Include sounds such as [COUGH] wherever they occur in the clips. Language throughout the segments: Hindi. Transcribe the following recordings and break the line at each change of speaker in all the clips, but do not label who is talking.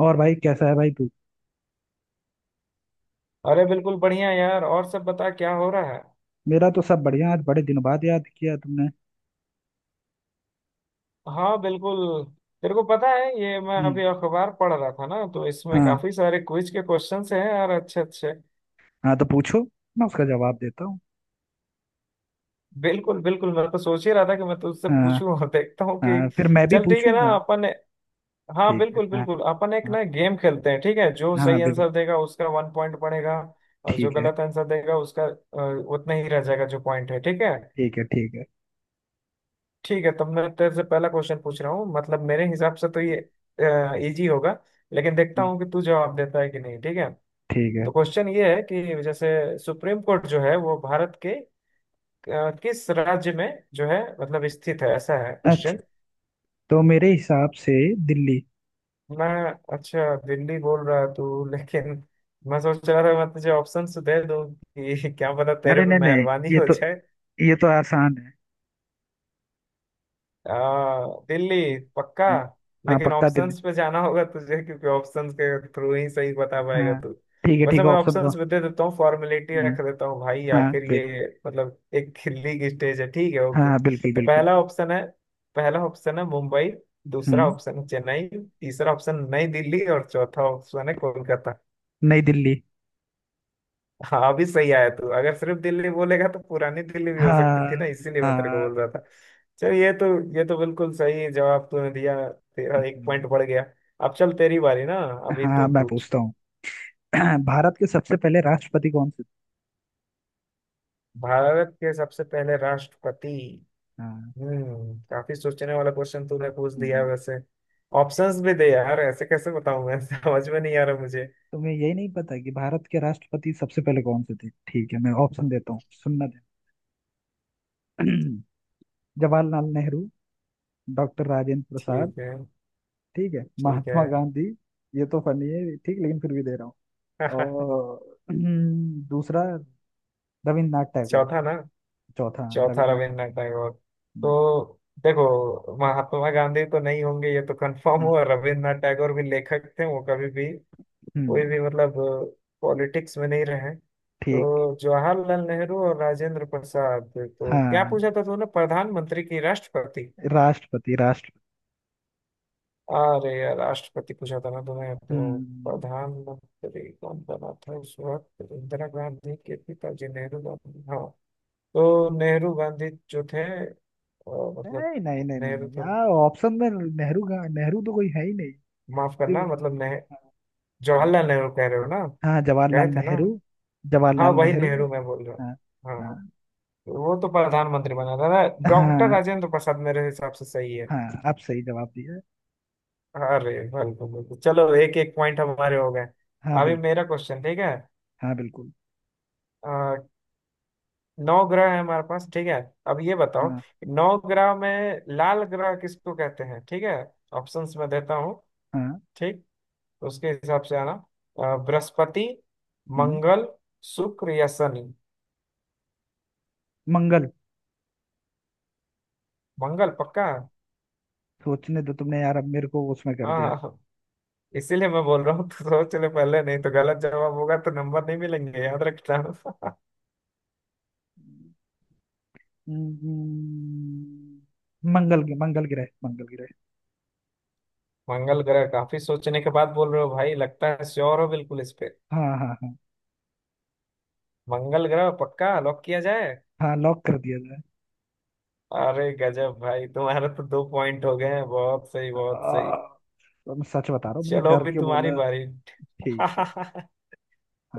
और भाई, कैसा है भाई तू?
अरे बिल्कुल बढ़िया यार। और सब बता, क्या हो रहा है?
मेरा तो सब बढ़िया। आज बड़े दिन बाद याद किया तुमने।
हाँ, बिल्कुल। तेरे को पता है, ये मैं
हम्म।
अभी अखबार पढ़ रहा था ना, तो इसमें
हाँ।
काफी सारे क्विज के क्वेश्चंस हैं यार, अच्छे अच्छे।
हाँ, तो पूछो। मैं उसका जवाब देता हूँ।
बिल्कुल बिल्कुल, मैं तो सोच ही रहा था कि मैं तुझसे
हाँ।
पूछूं और देखता हूँ कि।
हाँ, फिर मैं भी
चल, ठीक है ना
पूछूंगा।
अपन। हाँ,
ठीक है।
बिल्कुल
हाँ।
बिल्कुल। अपन एक
हाँ।
ना गेम खेलते हैं, ठीक है? जो
हाँ
सही
बिल्कुल।
आंसर देगा उसका 1 पॉइंट पड़ेगा। और जो
ठीक है।
गलत आंसर देगा उसका उतना ही रह जाएगा जो पॉइंट है, ठीक है।
ठीक है। ठीक है।
ठीक है, तब मैं तेरे से पहला क्वेश्चन पूछ रहा हूँ। मतलब मेरे हिसाब से तो ये इजी होगा, लेकिन देखता
हम्म,
हूँ कि तू जवाब देता है कि नहीं, ठीक है।
ठीक है।
तो क्वेश्चन ये है कि जैसे, सुप्रीम कोर्ट जो है वो भारत के किस राज्य में जो है, मतलब स्थित है, ऐसा है क्वेश्चन।
अच्छा। तो मेरे हिसाब से दिल्ली।
मैं, अच्छा दिल्ली बोल रहा तू [LAUGHS] लेकिन मैं सोच रहा था मैं तुझे ऑप्शन दे दूँ कि [LAUGHS] क्या पता तेरे
अरे
पे
नहीं नहीं।
मेहरबानी
ये
हो।
तो ये तो आसान है।
दिल्ली,
हम्म।
पक्का?
हम्म। हाँ,
लेकिन
पक्का दिल्ली।
ऑप्शंस पे जाना होगा तुझे, क्योंकि ऑप्शंस के थ्रू ही सही बता पाएगा
हाँ।
तू।
ठीक है।
वैसे
ठीक है,
मैं
ऑप्शन दो।
ऑप्शंस भी दे देता हूँ, फॉर्मेलिटी
हम्म।
रख देता हूँ भाई,
हाँ
आखिर ये मतलब एक खिल्ली की स्टेज है, ठीक है, ओके।
हाँ, बिल्कुल
तो
बिल्कुल।
पहला ऑप्शन है मुंबई। दूसरा
हम्म।
ऑप्शन है चेन्नई, तीसरा ऑप्शन नई दिल्ली, और चौथा ऑप्शन है कोलकाता।
नई दिल्ली।
हाँ, भी सही आया तू। अगर सिर्फ दिल्ली बोलेगा तो पुरानी दिल्ली भी हो सकती
हाँ।
थी ना, इसीलिए मैं तेरे को बोल
हाँ।
रहा था। चल, ये तो बिल्कुल सही जवाब तूने दिया। तेरा एक
हम्म,
पॉइंट बढ़ गया। अब चल तेरी बारी ना, अभी
हाँ,
तू
मैं
पूछ।
पूछता हूँ। [CLEARS THROAT] भारत के सबसे पहले राष्ट्रपति कौन से
भारत के सबसे पहले राष्ट्रपति।
थे? हाँ।
काफी सोचने वाला क्वेश्चन तूने पूछ दिया है
हम्म।
वैसे। ऑप्शंस भी दे यार, ऐसे कैसे बताऊं मैं? [LAUGHS] समझ में नहीं आ रहा मुझे।
तुम्हें यही नहीं पता कि भारत के राष्ट्रपति सबसे पहले कौन से थे? ठीक है, मैं ऑप्शन देता हूँ। सुनना। ध्यान। [CLEARS THROAT] जवाहरलाल नेहरू। डॉक्टर राजेंद्र प्रसाद।
ठीक है,
ठीक है।
ठीक है।
महात्मा गांधी। ये तो फनी है, ठीक, लेकिन फिर भी दे रहा हूँ।
[LAUGHS]
और [CLEARS THROAT] दूसरा, रविन्द्रनाथ टैगोर।
चौथा ना?
चौथा, हाँ,
चौथा
रविन्द्रनाथ टैगोर।
रविन्द्रनाथ टैगोर। तो
हम्म।
देखो, महात्मा गांधी तो नहीं होंगे, ये तो कंफर्म
हाँ।
हुआ। रविन्द्रनाथ टैगोर भी लेखक थे, वो कभी भी
हम्म।
कोई भी मतलब पॉलिटिक्स में नहीं रहे।
ठीक।
तो जवाहरलाल नेहरू और राजेंद्र प्रसाद। तो क्या
हाँ।
पूछा था तूने, प्रधानमंत्री की राष्ट्रपति?
राष्ट्रपति राष्ट्र
अरे यार, राष्ट्रपति पूछा था ना तूने तो।
हम्म।
प्रधानमंत्री कौन बना था उस वक्त? इंदिरा गांधी के पिताजी, नेहरू गांधी, हाँ। तो नेहरू गांधी जो थे, मतलब,
नहीं नहीं नहीं नहीं
नेहरू
नहीं
तो,
यार, ऑप्शन में नेहरू का, नेहरू तो कोई है ही नहीं।
माफ करना,
सिर्फ-
मतलब नेह जवाहरलाल नेहरू कह रहे हो ना,
हाँ,
कहे
जवाहरलाल
थे ना।
नेहरू।
हाँ,
जवाहरलाल
वही
नेहरू।
नेहरू मैं बोल रहा हूँ,
हाँ
हाँ।
हाँ।
तो वो तो प्रधानमंत्री बना था ना। डॉक्टर
हाँ।
राजेंद्र प्रसाद मेरे हिसाब से सही है।
हाँ, आप सही जवाब दिया।
अरे बिल्कुल बिल्कुल, चलो एक एक पॉइंट हमारे हो गए।
हाँ
अभी
बिल्कुल।
मेरा क्वेश्चन, ठीक है?
हाँ बिल्कुल।
अ, नौ ग्रह है हमारे पास, ठीक है। अब ये बताओ
हाँ।
कि नौ ग्रह में लाल ग्रह किसको कहते हैं, ठीक है। ऑप्शंस मैं देता हूँ,
हाँ।
ठीक। उसके हिसाब से आना, बृहस्पति,
हम्म,
मंगल, शुक्र या शनि।
मंगल।
मंगल, पक्का?
सोचने दो तुमने यार, अब मेरे को उसमें कर
हाँ,
दिया।
हाँ, हाँ। इसीलिए मैं बोल रहा हूँ, तो सोच ले पहले, नहीं तो गलत जवाब होगा तो नंबर नहीं मिलेंगे, याद रखना। [LAUGHS]
हम्म। मंगल, मंगल ग्रह, मंगल ग्रह।
मंगल ग्रह, काफी सोचने के बाद बोल रहे हो भाई, लगता है श्योर हो बिल्कुल इस पे।
हाँ हाँ हाँ।
मंगल ग्रह पक्का, लॉक किया जाए?
हाँ, लॉक कर दिया जाए।
अरे गजब भाई, तुम्हारा तो 2 पॉइंट हो गए हैं। बहुत सही, बहुत सही।
आ, तो मैं सच बता रहा हूँ, मैंने
चलो
डर
अभी
के
तुम्हारी
बोला।
बारी।
ठीक है।
[LAUGHS]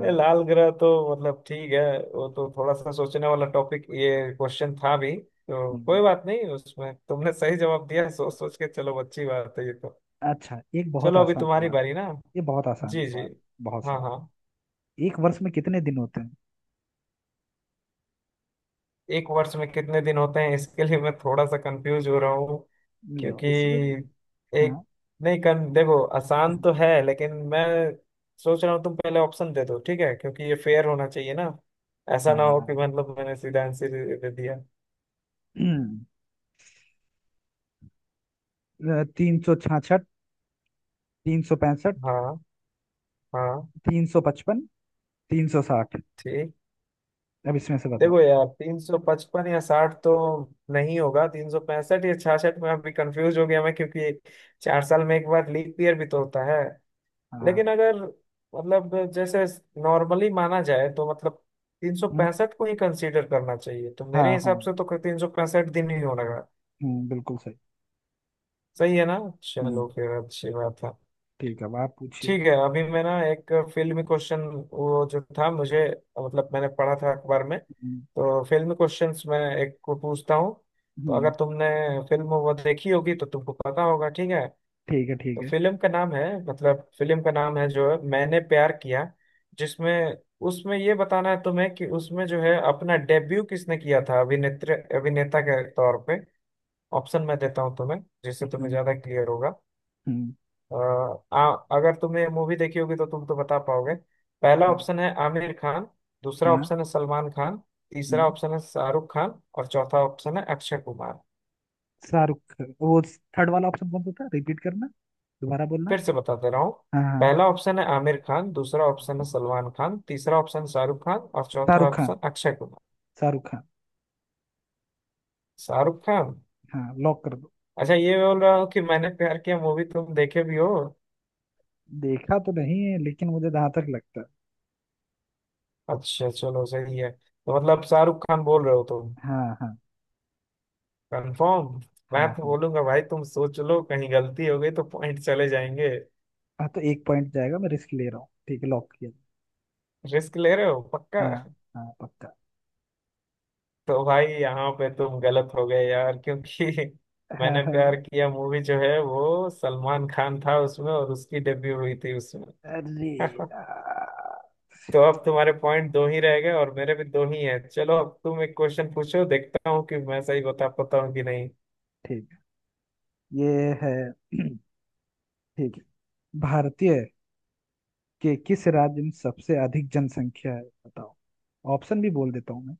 ये लाल ग्रह तो, मतलब ठीक है, वो तो थोड़ा सा सोचने वाला टॉपिक ये क्वेश्चन था भी, तो
हम्म।
कोई बात नहीं, उसमें तुमने सही जवाब दिया सोच सोच के। चलो, अच्छी बात है ये तो।
अच्छा, एक बहुत
चलो अभी
आसान
तुम्हारी
सवाल है।
बारी ना।
ये बहुत आसान
जी जी।
सवाल है। बहुत
हाँ, हाँ।
सवाल। एक वर्ष में कितने दिन होते हैं?
एक वर्ष में कितने दिन होते हैं, इसके लिए मैं थोड़ा सा कंफ्यूज हो रहा हूँ,
लो,
क्योंकि
इसमें भी।
एक,
हाँ।
नहीं, कन देखो आसान तो है, लेकिन मैं सोच रहा हूँ तुम पहले ऑप्शन दे दो, ठीक है, क्योंकि ये फेयर होना चाहिए ना। ऐसा ना हो कि
हाँ।
मतलब मैंने सीधा आंसर दे दिया।
[CLEARS THROAT] 366। 365।
हाँ, हाँ,
355। 360।
ठीक।
अब इसमें से बताओ।
देखो यार, 355 या साठ तो नहीं होगा, 365 या छियासठ में अभी कंफ्यूज हो गया मैं, क्योंकि 4 साल में एक बार लीप ईयर भी तो होता है। लेकिन
हाँ।
अगर, मतलब जैसे नॉर्मली माना जाए, तो मतलब तीन सौ
हम्म।
पैंसठ को ही कंसीडर करना चाहिए। तो मेरे
हाँ। हाँ।
हिसाब से तो 365 दिन ही होगा।
बिल्कुल सही।
सही है ना? चलो
हम्म।
फिर, अच्छी बात है।
ठीक है, अब आप पूछिए।
ठीक है, अभी मैं ना एक फिल्मी क्वेश्चन, वो जो था मुझे, मतलब मैंने पढ़ा था अखबार में,
हम्म।
तो फिल्मी क्वेश्चंस मैं एक को पूछता हूँ। तो
हम्म।
अगर तुमने फिल्म वो देखी होगी तो तुमको पता होगा, ठीक है।
ठीक है। ठीक
तो
है।
फिल्म का नाम है, मतलब फिल्म का नाम है
हम्म।
जो है मैंने प्यार किया, जिसमें, उसमें ये बताना है तुम्हें कि उसमें जो है अपना डेब्यू किसने किया था, अभिनेत्री अभिनेता के तौर पे। ऑप्शन मैं देता हूँ तुम्हें, जिससे तुम्हें
हम्म।
ज्यादा क्लियर होगा।
हम्म।
अ, आ, अगर तुमने मूवी देखी होगी तो तुम तो बता पाओगे। पहला
हाँ।
ऑप्शन है आमिर खान, दूसरा
हाँ।
ऑप्शन है सलमान खान, तीसरा
हम्म,
ऑप्शन है शाहरुख खान, और चौथा ऑप्शन है अक्षय कुमार।
शाहरुख खान। वो थर्ड वाला ऑप्शन कौन सा था? रिपीट करना। दोबारा बोलना।
फिर से बता दे रहा हूँ।
हाँ, हाँ।
पहला ऑप्शन है आमिर खान, दूसरा ऑप्शन है सलमान खान, तीसरा ऑप्शन शाहरुख खान, और चौथा
शाहरुख खान।
ऑप्शन अक्षय कुमार।
शाहरुख खान।
शाहरुख खान?
हाँ, लॉक कर दो।
अच्छा, ये बोल रहा हूँ कि मैंने प्यार किया मूवी तुम देखे भी हो?
देखा तो नहीं है, लेकिन मुझे जहां तक लगता है।
अच्छा चलो, सही है। तो मतलब शाहरुख खान बोल रहे हो तुम,
हाँ हाँ।
कंफर्म? मैं
हाँ
तो
हाँ।
बोलूंगा भाई, तुम सोच लो, कहीं गलती हो गई तो पॉइंट चले जाएंगे।
हाँ, तो 1 पॉइंट जाएगा, मैं रिस्क ले रहा हूँ, ठीक है, लॉक किया।
रिस्क ले रहे हो, पक्का?
हाँ। हाँ पक्का।
[LAUGHS] तो भाई यहाँ पे तुम गलत हो गए यार, क्योंकि [LAUGHS]
हाँ।
मैंने प्यार
हाँ।
किया मूवी जो है वो सलमान खान था उसमें, और उसकी डेब्यू हुई थी उसमें।
अरे
[LAUGHS]
यार।
तो अब तुम्हारे पॉइंट दो ही रह गए, और मेरे भी दो ही हैं। चलो अब तुम एक क्वेश्चन पूछो, देखता हूँ कि मैं सही बता पाता हूँ कि नहीं।
ठीक है। ये है। [CLEARS THROAT] ठीक है। भारतीय के किस राज्य में सबसे अधिक जनसंख्या है, बताओ? ऑप्शन भी बोल देता हूँ मैं।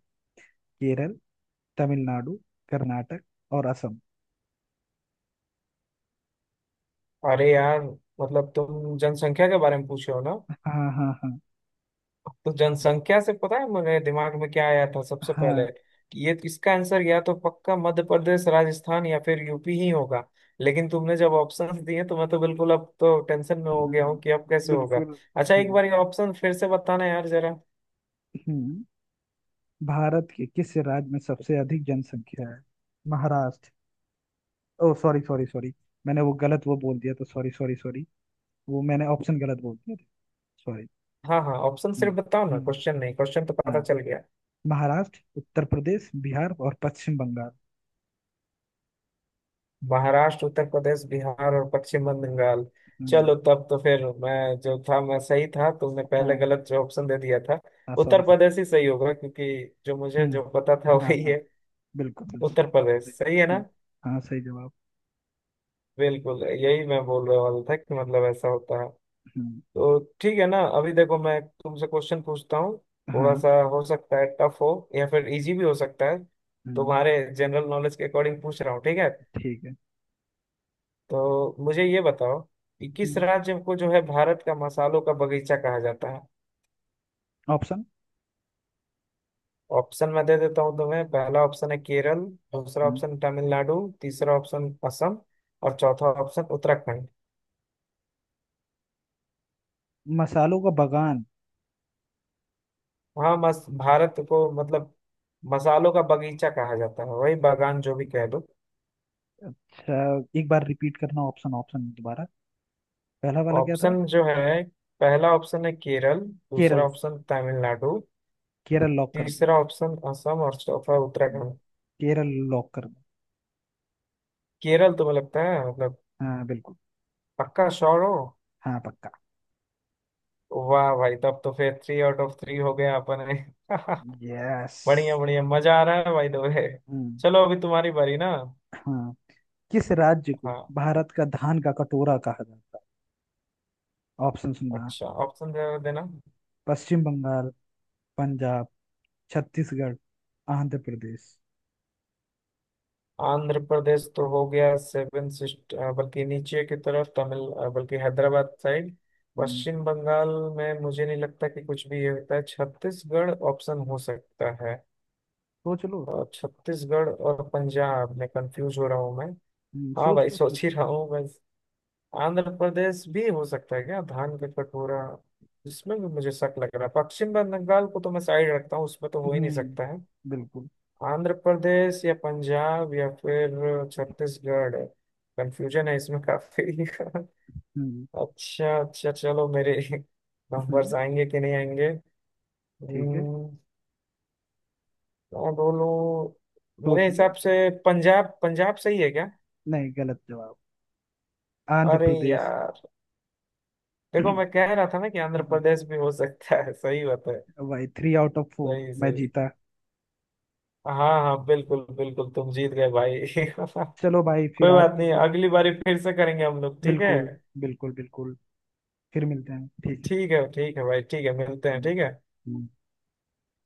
केरल, तमिलनाडु, कर्नाटक और असम।
अरे यार, मतलब तुम जनसंख्या के बारे में पूछे हो ना?
हाँ। हाँ। हाँ।
तो जनसंख्या से, पता है मेरे दिमाग में क्या आया था सबसे
हाँ।
पहले? कि ये इसका आंसर या तो पक्का मध्य प्रदेश, राजस्थान, या फिर यूपी ही होगा। लेकिन तुमने जब ऑप्शंस दिए तो मैं तो बिल्कुल, अब तो टेंशन में हो गया
हम्म,
हूँ कि अब कैसे होगा।
बिल्कुल।
अच्छा, एक
हम्म।
बार ये ऑप्शन फिर से बताना यार जरा।
हम्म। भारत के किस राज्य में सबसे अधिक जनसंख्या है? Maharashtra. Oh, sorry sorry sorry. मैंने वो गलत वो बोल दिया, तो सॉरी सॉरी सॉरी। वो मैंने ऑप्शन गलत बोल दिया। सॉरी।
हाँ, हाँ, ऑप्शन
हम्म।
सिर्फ बताओ ना,
हम्म।
क्वेश्चन नहीं, क्वेश्चन तो पता
हाँ।
चल गया।
महाराष्ट्र, उत्तर प्रदेश, बिहार और पश्चिम बंगाल।
महाराष्ट्र, उत्तर प्रदेश, बिहार और पश्चिम बंगाल।
हम्म।
चलो तब तो फिर, मैं जो था मैं सही था, तुमने पहले
हाँ।
गलत जो ऑप्शन दे दिया था।
हाँ, सॉरी
उत्तर
सर।
प्रदेश ही सही होगा, क्योंकि जो मुझे
हम्म।
जो पता था [LAUGHS]
हाँ।
वही
हाँ,
है।
बिल्कुल बिल्कुल।
उत्तर प्रदेश
सही।
सही है ना?
हाँ। हाँ, सही जवाब।
बिल्कुल यही मैं बोलने वाला था कि मतलब ऐसा होता है।
हम्म।
तो ठीक है ना, अभी देखो मैं तुमसे क्वेश्चन पूछता हूँ। थोड़ा
हाँ।
सा हो सकता है टफ हो, या फिर इजी भी हो सकता है।
हम्म।
तुम्हारे जनरल नॉलेज के अकॉर्डिंग पूछ रहा हूँ, ठीक है।
ठीक है।
तो मुझे ये बताओ कि किस
हम्म।
राज्य को जो है भारत का मसालों का बगीचा कहा जाता है।
ऑप्शन।
ऑप्शन मैं दे देता हूँ तुम्हें। पहला ऑप्शन है केरल, दूसरा
हम्म।
ऑप्शन तमिलनाडु, तीसरा ऑप्शन असम, और चौथा ऑप्शन उत्तराखंड।
मसालों का बगान।
वहाँ मस भारत को, मतलब मसालों का बगीचा कहा जाता है, वही बागान जो भी कह दो।
अच्छा, एक बार रिपीट करना, ऑप्शन ऑप्शन दोबारा। पहला वाला क्या था?
ऑप्शन जो है, पहला ऑप्शन है केरल, दूसरा
केरल।
ऑप्शन तमिलनाडु,
केरल लॉक कर दो।
तीसरा ऑप्शन असम और चौथा उत्तराखंड।
केरल लॉक कर दो।
केरल तुम्हें लगता है, मतलब?
हाँ बिल्कुल।
पक्का श्योर हो?
हाँ पक्का।
वाह भाई, तब तो फिर थ्री आउट ऑफ थ्री हो गया अपन ने। [LAUGHS]
यस।
बढ़िया बढ़िया, मजा आ रहा है भाई। दो है।
हम्म।
चलो अभी तुम्हारी बारी ना।
हाँ। किस राज्य को
हाँ,
भारत का धान का कटोरा कहा जाता है? ऑप्शन सुनना।
अच्छा ऑप्शन दे देना।
पश्चिम बंगाल, पंजाब, छत्तीसगढ़, आंध्र प्रदेश।
आंध्र प्रदेश तो हो गया सेवन सिस्ट, बल्कि नीचे की तरफ तमिल, बल्कि हैदराबाद साइड।
हम्म,
पश्चिम बंगाल में मुझे नहीं लगता कि कुछ भी ये होता है। छत्तीसगढ़ ऑप्शन हो सकता है,
सोच लो।
और छत्तीसगढ़ और पंजाब में कंफ्यूज हो रहा हूँ मैं। हाँ
सोच
भाई,
लो,
सोच
सोच
ही
लो।
रहा हूँ मैं। आंध्र प्रदेश भी हो सकता है क्या धान का कटोरा? जिसमें भी मुझे शक लग रहा है पश्चिम बंगाल को, तो मैं साइड रखता हूँ, उसमें तो हो ही नहीं
हम्म।
सकता है।
बिल्कुल।
आंध्र प्रदेश या पंजाब या फिर छत्तीसगढ़, कंफ्यूजन है इसमें काफी।
हम्म।
[LAUGHS] अच्छा अच्छा, चलो मेरे
हम्म।
नंबर्स आएंगे कि नहीं आएंगे?
ठीक है।
हम्म, मैं बोलूँ? मेरे
सोच लो।
हिसाब से पंजाब, पंजाब सही है क्या?
नहीं, गलत जवाब। आंध्र
अरे
प्रदेश।
यार, देखो मैं
[CLEARS THROAT]
कह रहा था ना कि आंध्र
हम्म,
प्रदेश भी हो सकता है। [LAUGHS] सही बात है।
भाई, 3 आउट ऑफ 4
सही,
मैं
सही,
जीता।
हाँ हाँ, बिल्कुल बिल्कुल, तुम जीत गए भाई।
चलो भाई,
[LAUGHS]
फिर
कोई
आज
बात नहीं,
चलो।
अगली बारी फिर से करेंगे हम लोग, ठीक है।
बिल्कुल। बिल्कुल बिल्कुल। फिर मिलते हैं, ठीक है।
ठीक है, ठीक है भाई, ठीक है, मिलते हैं,
हम्म।
ठीक है।
हम्म।